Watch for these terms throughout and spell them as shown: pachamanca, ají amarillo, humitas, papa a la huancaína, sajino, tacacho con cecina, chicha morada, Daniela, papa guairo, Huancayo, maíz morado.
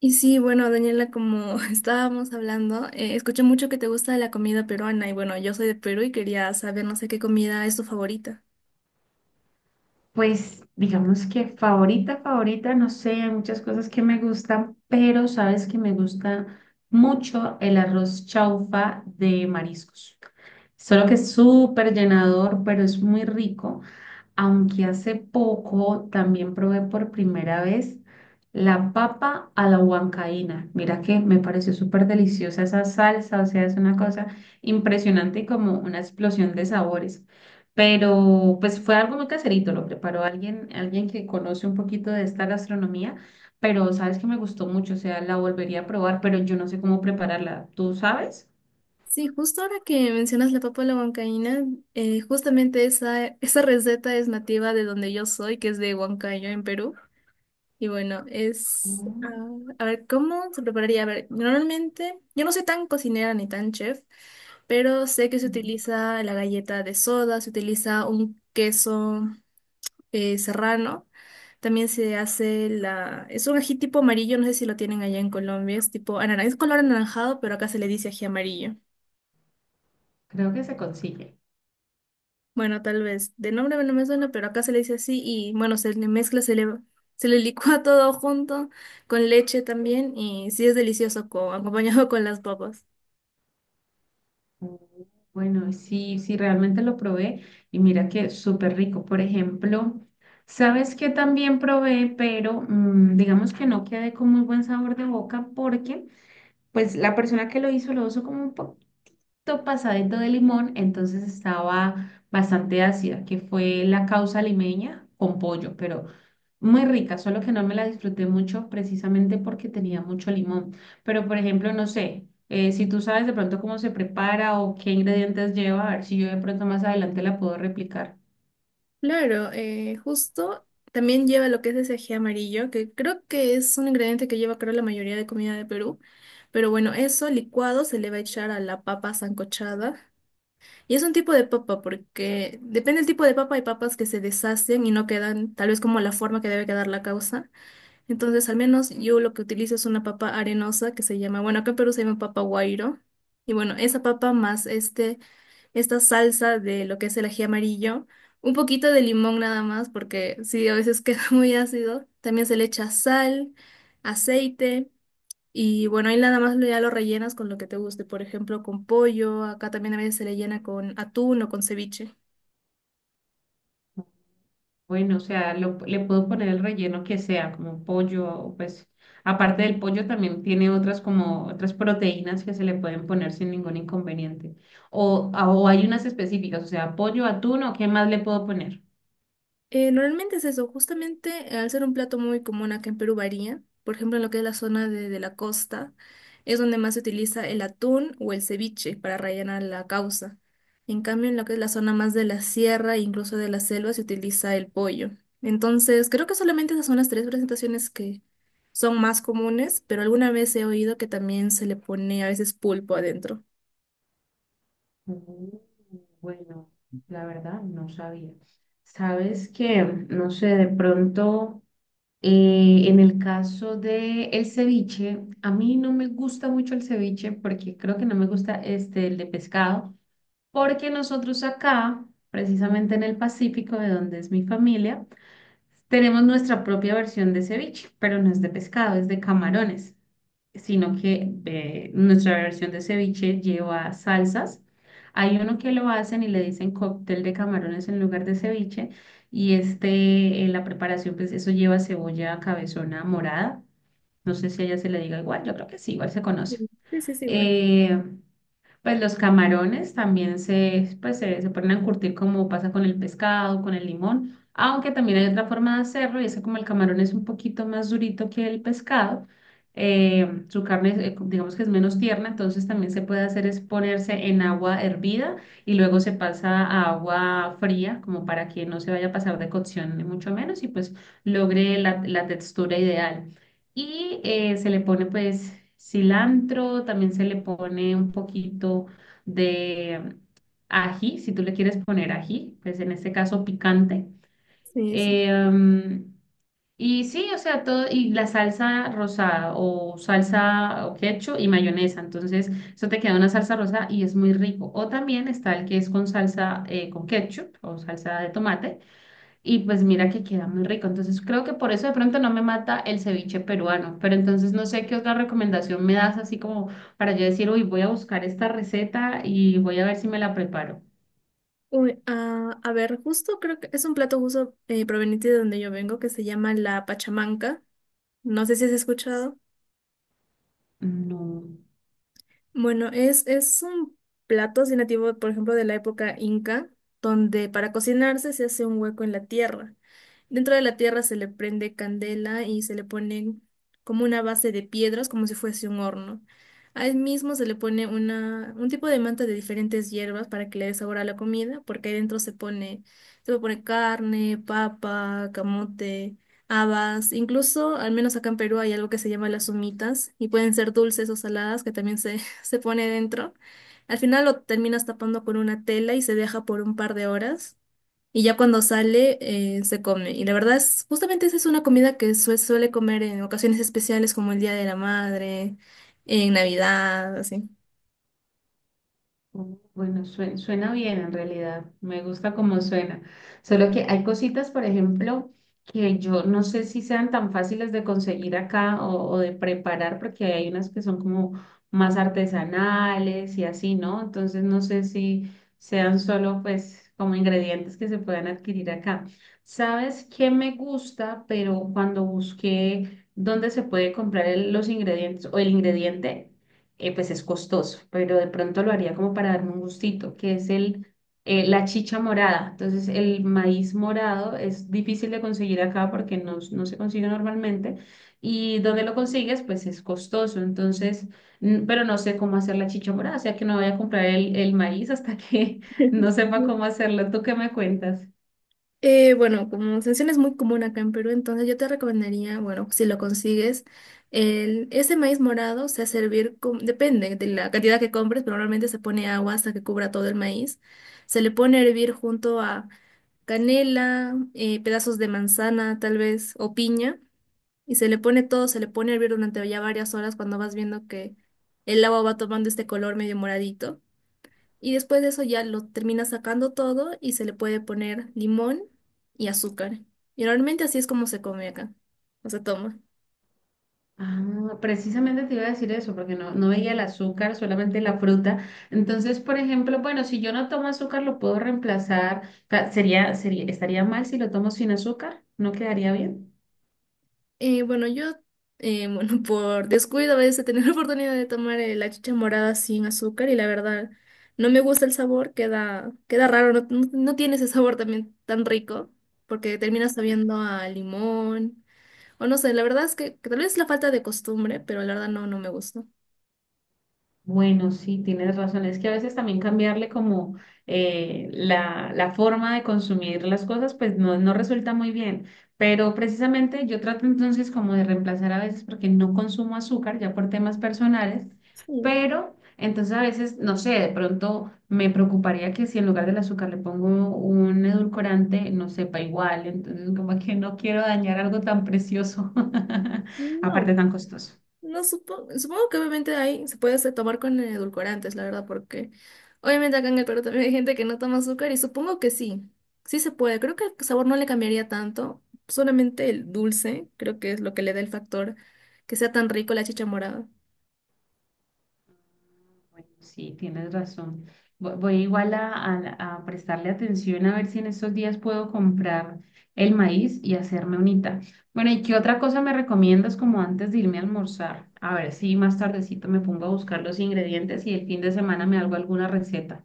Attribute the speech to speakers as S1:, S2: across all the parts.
S1: Y sí, bueno, Daniela, como estábamos hablando, escuché mucho que te gusta la comida peruana y bueno, yo soy de Perú y quería saber, no sé qué comida es tu favorita.
S2: Pues digamos que favorita, favorita, no sé, hay muchas cosas que me gustan, pero sabes que me gusta mucho el arroz chaufa de mariscos. Solo que es súper llenador, pero es muy rico, aunque hace poco también probé por primera vez la papa a la huancaína. Mira que me pareció súper deliciosa esa salsa, o sea, es una cosa impresionante y como una explosión de sabores. Pero pues fue algo muy caserito, lo preparó alguien, alguien que conoce un poquito de esta gastronomía, pero sabes que me gustó mucho, o sea, la volvería a probar, pero yo no sé cómo prepararla. ¿Tú sabes?
S1: Sí, justo ahora que mencionas la papa a la huancaína, justamente esa receta es nativa de donde yo soy, que es de Huancayo, en Perú. Y bueno,
S2: Mm.
S1: a ver, ¿cómo se prepararía? A ver, normalmente, yo no soy tan cocinera ni tan chef, pero sé que se utiliza la galleta de soda, se utiliza un queso. Serrano. También se hace Es un ají tipo amarillo, no sé si lo tienen allá en Colombia. Es tipo es color anaranjado, pero acá se le dice ají amarillo.
S2: Creo que se consigue.
S1: Bueno, tal vez de nombre no me suena, pero acá se le dice así y bueno, se le mezcla, se le licúa todo junto con leche también y sí es delicioso acompañado con las papas.
S2: Bueno, sí, sí, realmente lo probé y mira que súper rico. Por ejemplo, sabes que también probé, pero digamos que no quedé con muy buen sabor de boca porque pues la persona que lo hizo como un pasadito de limón, entonces estaba bastante ácida, que fue la causa limeña con pollo, pero muy rica, solo que no me la disfruté mucho precisamente porque tenía mucho limón. Pero, por ejemplo, no sé, si tú sabes de pronto cómo se prepara o qué ingredientes lleva, a ver si yo de pronto más adelante la puedo replicar.
S1: Claro, justo también lleva lo que es ese ají amarillo, que creo que es un ingrediente que lleva creo la mayoría de comida de Perú. Pero bueno, eso licuado se le va a echar a la papa sancochada. Y es un tipo de papa porque depende del tipo de papa, hay papas que se deshacen y no quedan tal vez como la forma que debe quedar la causa. Entonces, al menos yo lo que utilizo es una papa arenosa que se llama, bueno, acá en Perú se llama papa guairo. Y bueno, esa papa más esta salsa de lo que es el ají amarillo, un poquito de limón nada más, porque sí, a veces queda muy ácido. También se le echa sal, aceite y bueno, ahí nada más ya lo rellenas con lo que te guste, por ejemplo, con pollo, acá también a veces se le llena con atún o con ceviche.
S2: Bueno, o sea, le puedo poner el relleno que sea, como pollo, o pues aparte del pollo también tiene otras como otras proteínas que se le pueden poner sin ningún inconveniente. O, o hay unas específicas, o sea, pollo, atún o qué más le puedo poner.
S1: Normalmente es eso, justamente al ser un plato muy común acá en Perú varía, por ejemplo en lo que es la zona de la costa, es donde más se utiliza el atún o el ceviche para rellenar la causa. En cambio en lo que es la zona más de la sierra e incluso de la selva se utiliza el pollo. Entonces creo que solamente esas son las tres presentaciones que son más comunes, pero alguna vez he oído que también se le pone a veces pulpo adentro.
S2: Mm. Bueno, la verdad no sabía. ¿Sabes que no sé, de pronto en el caso de el ceviche, a mí no me gusta mucho el ceviche porque creo que no me gusta este el de pescado? Porque nosotros acá, precisamente en el Pacífico, de donde es mi familia, tenemos nuestra propia versión de ceviche, pero no es de pescado, es de camarones, sino que nuestra versión de ceviche lleva salsas. Hay uno que lo hacen y le dicen cóctel de camarones en lugar de ceviche, y este, la preparación, pues eso lleva cebolla cabezona morada. No sé si allá se le diga igual, yo creo que sí, igual se conoce.
S1: Sí, sí, sí, bueno.
S2: Eh, pues los camarones también se, pues se ponen a curtir como pasa con el pescado, con el limón, aunque también hay otra forma de hacerlo y es que como el camarón es un poquito más durito que el pescado, su carne es, digamos que es menos tierna, entonces también se puede hacer es ponerse en agua hervida y luego se pasa a agua fría como para que no se vaya a pasar de cocción ni mucho menos y pues logre la textura ideal. Y se le pone pues cilantro, también se le pone un poquito de ají, si tú le quieres poner ají, pues en este caso picante.
S1: Sí, sí.
S2: Em, y sí, o sea, todo, y la salsa rosada o salsa o ketchup y mayonesa. Entonces, eso te queda una salsa rosada y es muy rico. O también está el que es con salsa, con ketchup o salsa de tomate y pues mira que queda muy rico. Entonces creo que por eso de pronto no me mata el ceviche peruano. Pero entonces no sé qué otra recomendación me das así como para yo decir, uy, voy a buscar esta receta y voy a ver si me la preparo.
S1: Uy, ah, a ver, justo creo que es un plato justo proveniente de donde yo vengo que se llama la pachamanca. No sé si has escuchado.
S2: No.
S1: Bueno, es un plato así nativo, por ejemplo, de la época inca, donde para cocinarse se hace un hueco en la tierra. Dentro de la tierra se le prende candela y se le pone como una base de piedras, como si fuese un horno. Ahí mismo se le pone un tipo de manta de diferentes hierbas para que le dé sabor a la comida, porque ahí dentro se puede poner carne, papa, camote. Habas, incluso, al menos acá en Perú hay algo que se llama las humitas y pueden ser dulces o saladas que también se se pone dentro. Al final lo terminas tapando con una tela y se deja por un par de horas. Y ya cuando sale, se come. Y la verdad es, justamente esa es una comida que se suele comer en ocasiones especiales como el Día de la Madre, en Navidad, así.
S2: Mm. Bueno, suena bien en realidad, me gusta como suena. Solo que hay cositas, por ejemplo, que yo no sé si sean tan fáciles de conseguir acá o de preparar, porque hay unas que son como más artesanales y así, ¿no? Entonces no sé si sean solo pues como ingredientes que se puedan adquirir acá. ¿Sabes qué me gusta? Pero cuando busqué dónde se puede comprar los ingredientes o el ingrediente pues es costoso, pero de pronto lo haría como para darme un gustito, que es el, la chicha morada. Entonces, el maíz morado es difícil de conseguir acá porque no, no se consigue normalmente. Y donde lo consigues, pues es costoso. Entonces, pero no sé cómo hacer la chicha morada, o sea que no voy a comprar el maíz hasta que no sepa cómo hacerlo. ¿Tú qué me cuentas?
S1: Bueno, como sensión es muy común acá en Perú, entonces yo te recomendaría, bueno, si lo consigues, ese maíz morado se hace hervir, depende de la cantidad que compres, pero normalmente se pone agua hasta que cubra todo el maíz. Se le pone a hervir junto a canela, pedazos de manzana tal vez, o piña, y se le pone todo, se le pone a hervir durante ya varias horas cuando vas viendo que el agua va tomando este color medio moradito. Y después de eso ya lo termina sacando todo y se le puede poner limón y azúcar. Y normalmente así es como se come acá, o se toma.
S2: Ah, precisamente te iba a decir eso, porque no, no veía el azúcar, solamente la fruta. Entonces, por ejemplo, bueno, si yo no tomo azúcar, lo puedo reemplazar. O sea, sería, sería, estaría mal si lo tomo sin azúcar, ¿no quedaría bien?
S1: Bueno, bueno, por descuido a veces he tenido la oportunidad de tomar la chicha morada sin azúcar y la verdad no me gusta el sabor, queda raro, no tiene ese sabor también tan rico porque termina sabiendo a limón o no sé, la verdad que tal vez es la falta de costumbre, pero la verdad no, no me gusta.
S2: Bueno, sí, tienes razón. Es que a veces también cambiarle como la, la forma de consumir las cosas, pues no, no resulta muy bien. Pero precisamente yo trato entonces como de reemplazar a veces porque no consumo azúcar ya por temas personales,
S1: Sí.
S2: pero entonces a veces, no sé, de pronto me preocuparía que si en lugar del azúcar le pongo un edulcorante, no sepa igual. Entonces como que no quiero dañar algo tan precioso, aparte
S1: No,
S2: tan costoso.
S1: no supongo, supongo que obviamente ahí se puede tomar con edulcorantes, la verdad, porque obviamente acá en el Perú también hay gente que no toma azúcar y supongo que sí, sí se puede. Creo que el sabor no le cambiaría tanto, solamente el dulce, creo que es lo que le da el factor que sea tan rico la chicha morada.
S2: Bueno, sí, tienes razón. Voy igual a, a prestarle atención a ver si en estos días puedo comprar el maíz y hacerme unita. Bueno, ¿y qué otra cosa me recomiendas como antes de irme a almorzar? A ver si más tardecito me pongo a buscar los ingredientes y el fin de semana me hago alguna receta.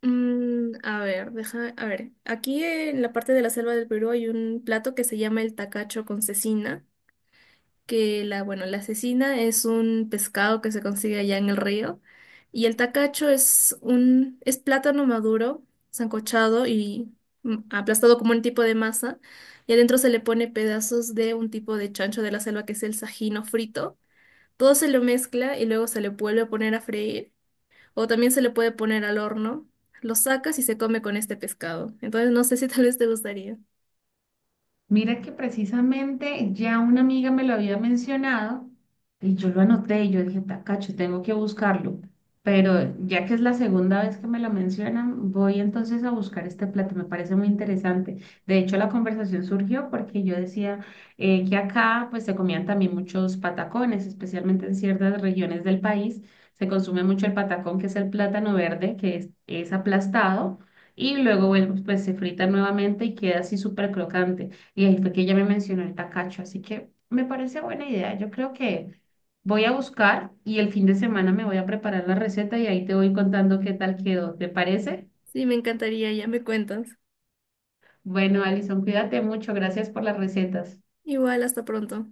S1: Mm, a ver, deja, a ver, aquí en la parte de la selva del Perú hay un plato que se llama el tacacho con cecina. Bueno, la cecina es un pescado que se consigue allá en el río y el tacacho es plátano maduro, sancochado y aplastado como un tipo de masa y adentro se le pone pedazos de un tipo de chancho de la selva que es el sajino frito. Todo se lo mezcla y luego se le vuelve a poner a freír o también se le puede poner al horno. Lo sacas y se come con este pescado. Entonces no sé si tal vez te gustaría.
S2: Mira que precisamente ya una amiga me lo había mencionado y yo lo anoté y yo dije, tacacho, tengo que buscarlo. Pero ya que es la segunda vez que me lo mencionan, voy entonces a buscar este plato. Me parece muy interesante. De hecho, la conversación surgió porque yo decía que acá pues se comían también muchos patacones, especialmente en ciertas regiones del país. Se consume mucho el patacón, que es el plátano verde, que es aplastado y luego, bueno, pues se frita nuevamente y queda así súper crocante. Y ahí fue que ella me mencionó el tacacho, así que me parece buena idea. Yo creo que voy a buscar y el fin de semana me voy a preparar la receta y ahí te voy contando qué tal quedó. ¿Te parece?
S1: Sí, me encantaría, ya me cuentas.
S2: Bueno, Alison, cuídate mucho. Gracias por las recetas.
S1: Igual, hasta pronto.